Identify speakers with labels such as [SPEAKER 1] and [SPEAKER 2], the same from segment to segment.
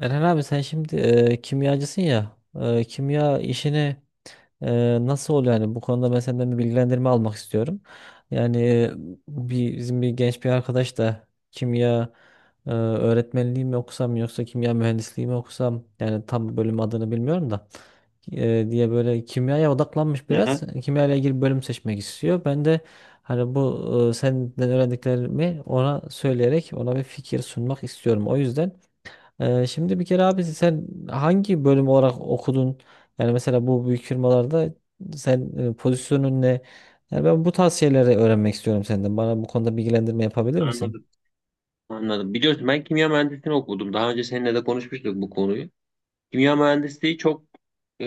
[SPEAKER 1] Eren abi sen şimdi kimyacısın ya kimya işini nasıl oluyor yani bu konuda ben senden bir bilgilendirme almak istiyorum. Yani bir, bizim bir genç bir arkadaş da kimya öğretmenliği mi okusam yoksa kimya mühendisliği mi okusam yani tam bölüm adını bilmiyorum da diye böyle kimyaya odaklanmış biraz.
[SPEAKER 2] Aha,
[SPEAKER 1] Kimya ile ilgili bölüm seçmek istiyor. Ben de hani bu senden öğrendiklerimi ona söyleyerek ona bir fikir sunmak istiyorum. O yüzden şimdi bir kere abi sen hangi bölüm olarak okudun? Yani mesela bu büyük firmalarda sen pozisyonun ne? Yani ben bu tarz şeyleri öğrenmek istiyorum senden. Bana bu konuda bilgilendirme yapabilir misin?
[SPEAKER 2] anladım. Anladım. Biliyorsun ben kimya mühendisliğini okudum. Daha önce seninle de konuşmuştuk bu konuyu. Kimya mühendisliği çok e,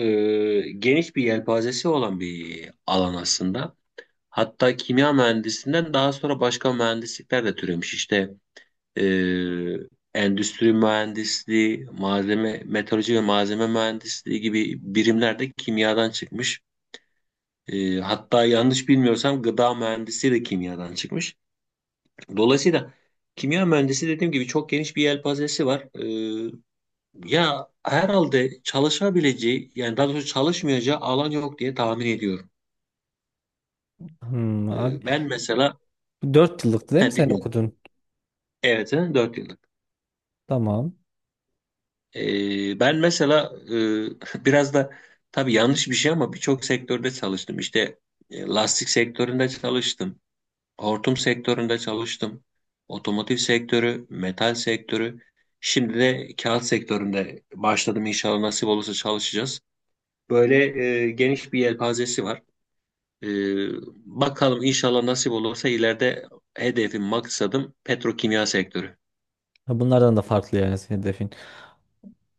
[SPEAKER 2] geniş bir yelpazesi olan bir alan aslında. Hatta kimya mühendisinden daha sonra başka mühendislikler de türemiş. İşte e, endüstri mühendisliği, malzeme, metalurji ve malzeme mühendisliği gibi birimler de kimyadan çıkmış. Hatta yanlış bilmiyorsam gıda mühendisliği de kimyadan çıkmış. Dolayısıyla kimya mühendisi dediğim gibi çok geniş bir yelpazesi var. Ee, Ya herhalde çalışabileceği yani daha doğrusu çalışmayacağı alan yok diye tahmin ediyorum.
[SPEAKER 1] Hmm, abi
[SPEAKER 2] Ben mesela
[SPEAKER 1] 4 yıllıktı değil mi
[SPEAKER 2] ha,
[SPEAKER 1] sen
[SPEAKER 2] dinliyorum.
[SPEAKER 1] okudun?
[SPEAKER 2] Evet, 4 yıllık.
[SPEAKER 1] Tamam.
[SPEAKER 2] Ben mesela biraz da tabii yanlış bir şey ama birçok sektörde çalıştım. İşte lastik sektöründe çalıştım. Hortum sektöründe çalıştım. Otomotiv sektörü, metal sektörü. Şimdi de kağıt sektöründe başladım. İnşallah nasip olursa çalışacağız. Böyle geniş bir yelpazesi var. E, Bakalım inşallah nasip olursa ileride hedefim, maksadım petrokimya sektörü.
[SPEAKER 1] Ha, bunlardan da farklı yani senin hedefin.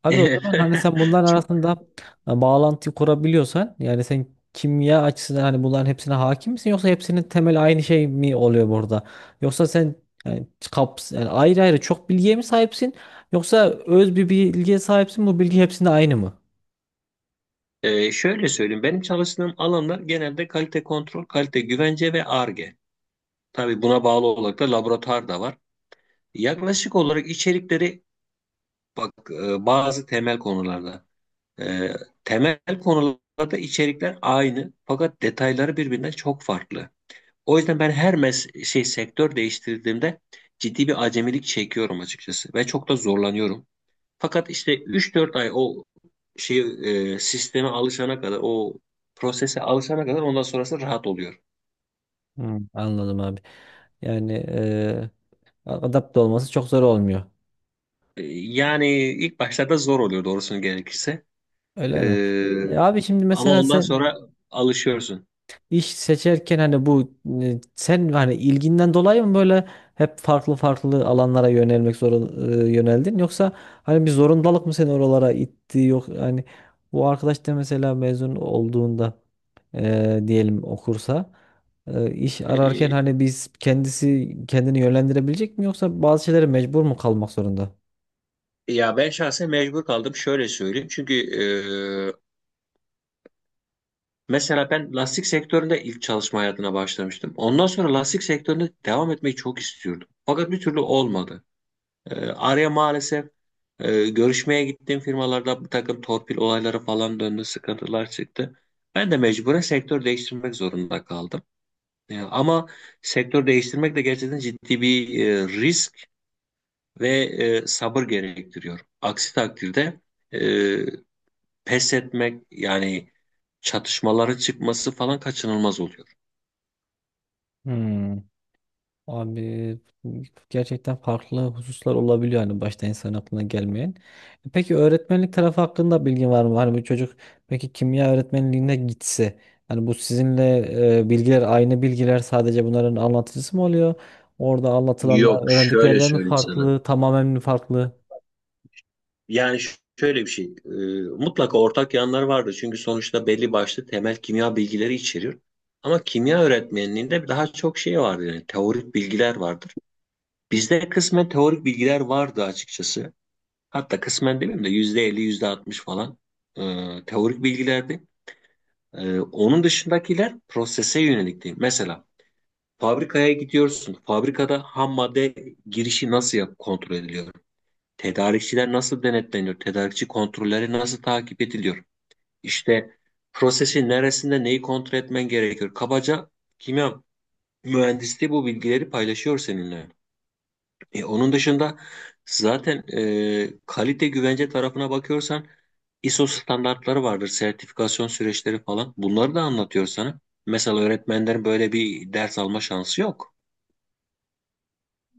[SPEAKER 1] Abi o
[SPEAKER 2] Evet.
[SPEAKER 1] zaman hani sen bunların
[SPEAKER 2] Çok-
[SPEAKER 1] arasında bağlantı kurabiliyorsan yani sen kimya açısından hani bunların hepsine hakim misin yoksa hepsinin temel aynı şey mi oluyor burada? Yoksa sen yani, kaps yani ayrı ayrı çok bilgiye mi sahipsin yoksa öz bir bilgiye sahipsin bu bilgi hepsinde aynı mı?
[SPEAKER 2] Şöyle söyleyeyim. Benim çalıştığım alanlar genelde kalite kontrol, kalite güvence ve Ar-Ge. Tabii buna bağlı olarak da laboratuvar da var. Yaklaşık olarak içerikleri bak, bazı temel e, temel konularda içerikler aynı fakat detayları birbirinden çok farklı. O yüzden ben her mes şey sektör değiştirdiğimde ciddi bir acemilik çekiyorum açıkçası ve çok da zorlanıyorum. Fakat işte üç dört ay şey sisteme alışana kadar, o prosese alışana kadar ondan sonrası rahat oluyor.
[SPEAKER 1] Hmm, anladım abi. Yani adapte olması çok zor olmuyor.
[SPEAKER 2] Yani ilk başlarda zor oluyor doğrusunu gerekirse. E,
[SPEAKER 1] Öyle mi? E, abi şimdi
[SPEAKER 2] Ama
[SPEAKER 1] mesela
[SPEAKER 2] ondan
[SPEAKER 1] sen
[SPEAKER 2] sonra alışıyorsun.
[SPEAKER 1] İş seçerken hani bu sen hani ilginden dolayı mı böyle hep farklı farklı alanlara yönelmek yöneldin yoksa hani bir zorundalık mı seni oralara itti yok hani bu arkadaş da mesela mezun olduğunda diyelim okursa iş ararken
[SPEAKER 2] E,
[SPEAKER 1] hani biz kendisi kendini yönlendirebilecek mi yoksa bazı şeylere mecbur mu kalmak zorunda?
[SPEAKER 2] Ya ben şahsen mecbur kaldım, şöyle söyleyeyim. Çünkü mesela ben lastik sektöründe ilk çalışma hayatına başlamıştım. Ondan sonra lastik sektöründe devam etmeyi çok istiyordum. Fakat bir türlü olmadı. Araya maalesef görüşmeye gittiğim firmalarda bir takım torpil olayları falan döndü, sıkıntılar çıktı. Ben de mecburen sektör değiştirmek zorunda kaldım. Ama sektör değiştirmek de gerçekten ciddi bir risk ve sabır gerektiriyor. Aksi takdirde e, pes etmek yani çatışmaları çıkması falan kaçınılmaz oluyor.
[SPEAKER 1] Abi gerçekten farklı hususlar olabiliyor hani başta insan aklına gelmeyen. E, peki öğretmenlik tarafı hakkında bilgin var mı? Hani bir çocuk peki kimya öğretmenliğine gitse hani bu sizinle bilgiler aynı bilgiler sadece bunların anlatıcısı mı oluyor? Orada
[SPEAKER 2] Yok,
[SPEAKER 1] anlatılanlar
[SPEAKER 2] şöyle
[SPEAKER 1] öğrendiklerden mi
[SPEAKER 2] söyleyeyim sana.
[SPEAKER 1] farklı, tamamen mi farklı?
[SPEAKER 2] Yani şöyle bir şey. Mutlaka ortak yanlar vardır. Çünkü sonuçta belli başlı temel kimya bilgileri içeriyor. Ama kimya öğretmenliğinde daha çok şey vardır. Yani teorik bilgiler vardır. Bizde kısmen teorik bilgiler vardı açıkçası. Hatta kısmen demeyeyim de %50, %60 falan e, teorik bilgilerdi. Onun dışındakiler prosese yönelikti. Mesela fabrikaya gidiyorsun. Fabrikada ham madde girişi kontrol ediliyor? Tedarikçiler nasıl denetleniyor? Tedarikçi kontrolleri nasıl takip ediliyor? İşte prosesin neresinde neyi kontrol etmen gerekiyor? Kabaca kimya mühendisliği bu bilgileri paylaşıyor seninle. Onun dışında zaten kalite güvence tarafına bakıyorsan ISO standartları vardır, sertifikasyon süreçleri falan. Bunları da anlatıyor sana. Mesela öğretmenlerin böyle bir ders alma şansı yok.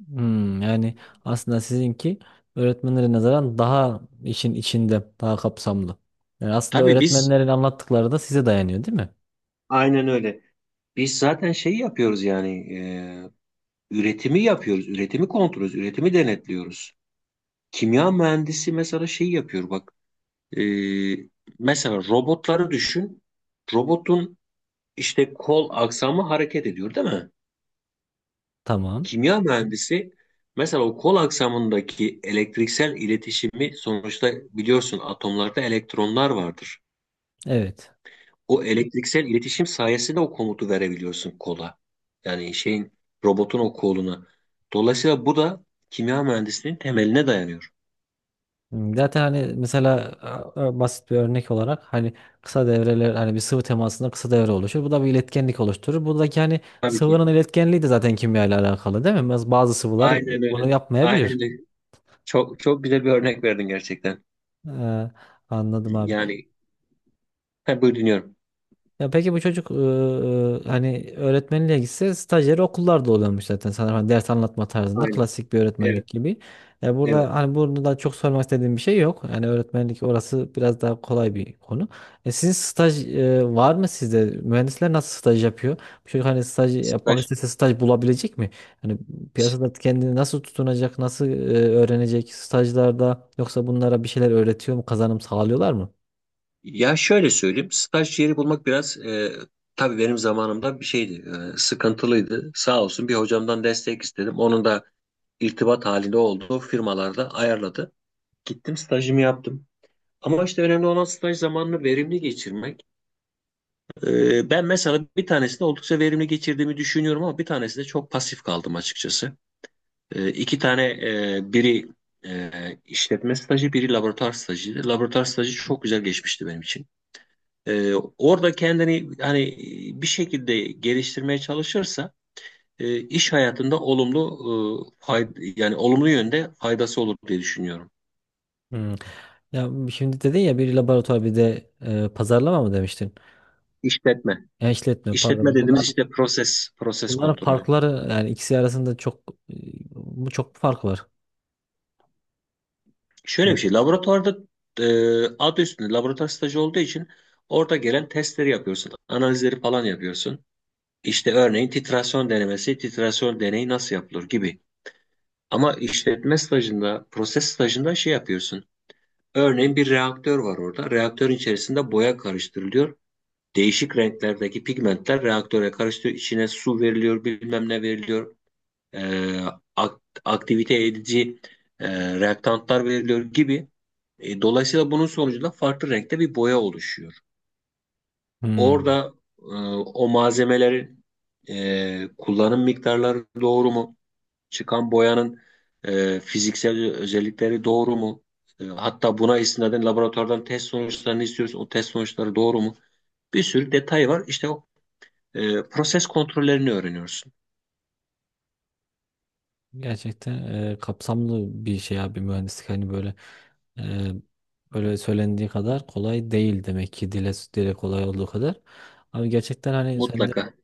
[SPEAKER 1] Hmm, yani aslında sizinki öğretmenlere nazaran daha işin içinde, daha kapsamlı. Yani aslında
[SPEAKER 2] Tabii biz,
[SPEAKER 1] öğretmenlerin anlattıkları da size dayanıyor, değil mi?
[SPEAKER 2] aynen öyle. Biz zaten şeyi yapıyoruz yani üretimi yapıyoruz, üretimi kontrol ediyoruz, üretimi denetliyoruz. Kimya mühendisi mesela şeyi yapıyor bak. e, Mesela robotları düşün. Robotun işte kol aksamı hareket ediyor, değil mi?
[SPEAKER 1] Tamam.
[SPEAKER 2] Kimya mühendisi mesela o kol aksamındaki elektriksel iletişimi, sonuçta biliyorsun atomlarda elektronlar vardır.
[SPEAKER 1] Evet.
[SPEAKER 2] O elektriksel iletişim sayesinde o komutu verebiliyorsun kola. Yani şeyin, robotun o koluna. Dolayısıyla bu da kimya mühendisliğinin temeline dayanıyor.
[SPEAKER 1] Hmm, zaten hani mesela basit bir örnek olarak hani kısa devreler hani bir sıvı temasında kısa devre oluşur. Bu da bir iletkenlik oluşturur. Buradaki hani
[SPEAKER 2] Tabii ki.
[SPEAKER 1] sıvının iletkenliği de zaten kimya ile alakalı değil mi? Bazı sıvılar
[SPEAKER 2] Aynen öyle.
[SPEAKER 1] bunu
[SPEAKER 2] Aynen
[SPEAKER 1] yapmayabilir.
[SPEAKER 2] öyle. Çok çok güzel bir örnek verdin gerçekten.
[SPEAKER 1] Ee, anladım abi.
[SPEAKER 2] Yani ha, buyur dinliyorum.
[SPEAKER 1] Ya peki bu çocuk hani öğretmenliğe gitse stajyer okullarda oluyormuş zaten sanırım hani ders anlatma tarzında
[SPEAKER 2] Aynen.
[SPEAKER 1] klasik bir öğretmenlik
[SPEAKER 2] Evet.
[SPEAKER 1] gibi. Ya
[SPEAKER 2] Evet.
[SPEAKER 1] burada hani burada da çok sormak istediğim bir şey yok. Yani öğretmenlik orası biraz daha kolay bir konu. E, sizin staj var mı sizde? Mühendisler nasıl staj yapıyor? Bu çocuk hani staj yapmak
[SPEAKER 2] Staj.
[SPEAKER 1] istese staj bulabilecek mi? Hani piyasada kendini nasıl tutunacak, nasıl öğrenecek stajlarda yoksa bunlara bir şeyler öğretiyor mu, kazanım sağlıyorlar mı?
[SPEAKER 2] Ya şöyle söyleyeyim. Staj yeri bulmak biraz tabii benim zamanımda bir şeydi. Sıkıntılıydı. Sağ olsun bir hocamdan destek istedim. Onun da irtibat halinde olduğu firmalarda ayarladı. Gittim stajımı yaptım. Ama işte önemli olan staj zamanını verimli geçirmek. Ben mesela bir tanesinde oldukça verimli geçirdiğimi düşünüyorum ama bir tanesinde çok pasif kaldım açıkçası. İki tane biri e, işletme stajı, biri laboratuvar stajıydı. Laboratuvar stajı çok güzel geçmişti benim için. Orada kendini hani bir şekilde geliştirmeye çalışırsa iş hayatında olumlu e, fayda, yani olumlu yönde faydası olur diye düşünüyorum.
[SPEAKER 1] Hmm. Ya şimdi dedin ya bir laboratuvar bir de pazarlama mı demiştin?
[SPEAKER 2] İşletme.
[SPEAKER 1] Ya işletme
[SPEAKER 2] İşletme
[SPEAKER 1] pardon.
[SPEAKER 2] dediğimiz işte proses, proses
[SPEAKER 1] Bunların
[SPEAKER 2] kontrolü.
[SPEAKER 1] farkları yani ikisi arasında çok e, bu çok fark var.
[SPEAKER 2] Şöyle bir
[SPEAKER 1] Evet.
[SPEAKER 2] şey, laboratuvarda e, adı üstünde laboratuvar stajı olduğu için orada gelen testleri yapıyorsun, analizleri falan yapıyorsun. İşte örneğin titrasyon denemesi, titrasyon deneyi nasıl yapılır gibi. Ama işletme stajında, proses stajında şey yapıyorsun. Örneğin bir reaktör var orada. Reaktörün içerisinde boya karıştırılıyor. Değişik renklerdeki pigmentler reaktöre karıştırıyor. İçine su veriliyor, bilmem ne veriliyor. e, aktivite edici reaktantlar veriliyor gibi. Dolayısıyla bunun sonucunda farklı renkte bir boya oluşuyor.
[SPEAKER 1] Hmm.
[SPEAKER 2] Orada e, o malzemelerin kullanım miktarları doğru mu? Çıkan boyanın fiziksel özellikleri doğru mu? Hatta buna istinaden laboratuvardan test sonuçlarını istiyoruz. O test sonuçları doğru mu? Bir sürü detay var. İşte proses kontrollerini öğreniyorsun.
[SPEAKER 1] Gerçekten kapsamlı bir şey abi mühendislik hani böyle e, böyle söylendiği kadar kolay değil demek ki dile dile kolay olduğu kadar. Abi gerçekten hani sen
[SPEAKER 2] Mutlaka.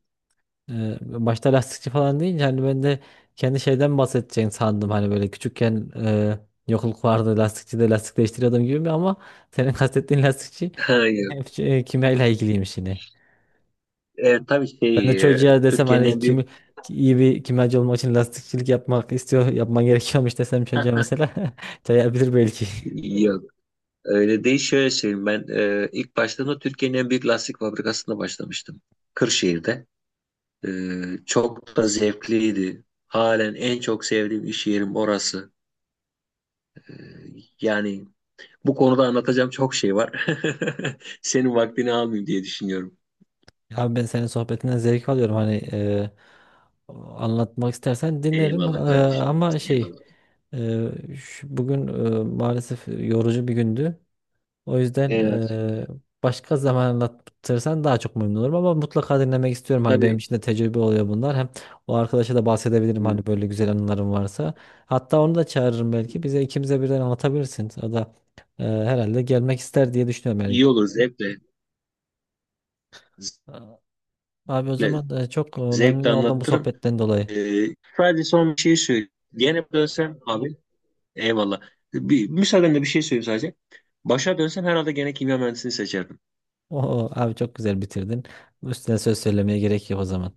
[SPEAKER 1] Başta lastikçi falan deyince hani ben de kendi şeyden bahsedeceğini sandım. Hani böyle küçükken yokluk vardı lastikçi de lastik değiştiriyordum gibi ama senin kastettiğin lastikçi
[SPEAKER 2] Hayır.
[SPEAKER 1] hep şey, kimyayla ilgiliymiş yine.
[SPEAKER 2] Tabii
[SPEAKER 1] Ben de çocuğa desem
[SPEAKER 2] Türkiye'nin
[SPEAKER 1] hani
[SPEAKER 2] en
[SPEAKER 1] kimi,
[SPEAKER 2] büyük
[SPEAKER 1] iyi bir kimyacı olmak için lastikçilik yapmak istiyor, yapman gerekiyormuş desem çocuğa mesela çayabilir belki.
[SPEAKER 2] yok, öyle değil, şöyle söyleyeyim ben ilk başladığımda Türkiye'nin en büyük lastik fabrikasında başlamıştım, Kırşehir'de. E, Çok da zevkliydi, halen en çok sevdiğim iş yerim orası. E, Yani bu konuda anlatacağım çok şey var. Senin vaktini almayayım diye düşünüyorum.
[SPEAKER 1] Abi ben senin sohbetinden zevk alıyorum hani anlatmak istersen dinlerim. E,
[SPEAKER 2] Eyvallah kardeşim,
[SPEAKER 1] ama şey
[SPEAKER 2] eyvallah.
[SPEAKER 1] Ee, bugün maalesef yorucu bir gündü. O yüzden
[SPEAKER 2] Evet,
[SPEAKER 1] e, başka zaman anlatırsan daha çok memnun olurum ama mutlaka dinlemek istiyorum. Hani benim
[SPEAKER 2] tabii.
[SPEAKER 1] için de tecrübe oluyor bunlar. Hem o arkadaşa da bahsedebilirim hani
[SPEAKER 2] e,
[SPEAKER 1] böyle güzel anılarım varsa. Hatta onu da çağırırım belki. Bize ikimize birden anlatabilirsin. O da herhalde gelmek ister diye düşünüyorum yani.
[SPEAKER 2] iyi olur, zevkle.
[SPEAKER 1] Abi o
[SPEAKER 2] Zevkle,
[SPEAKER 1] zaman çok memnun
[SPEAKER 2] zevkle
[SPEAKER 1] oldum bu
[SPEAKER 2] anlatırım.
[SPEAKER 1] sohbetten dolayı.
[SPEAKER 2] Ee, Sadece son bir şey söyleyeyim. Gene dönsem abi, eyvallah. Bir, müsaadenle bir şey söyleyeyim sadece. Başa dönsem herhalde gene kimya mühendisliğini seçerdim.
[SPEAKER 1] Oo, abi çok güzel bitirdin. Üstüne söz söylemeye gerek yok o zaman.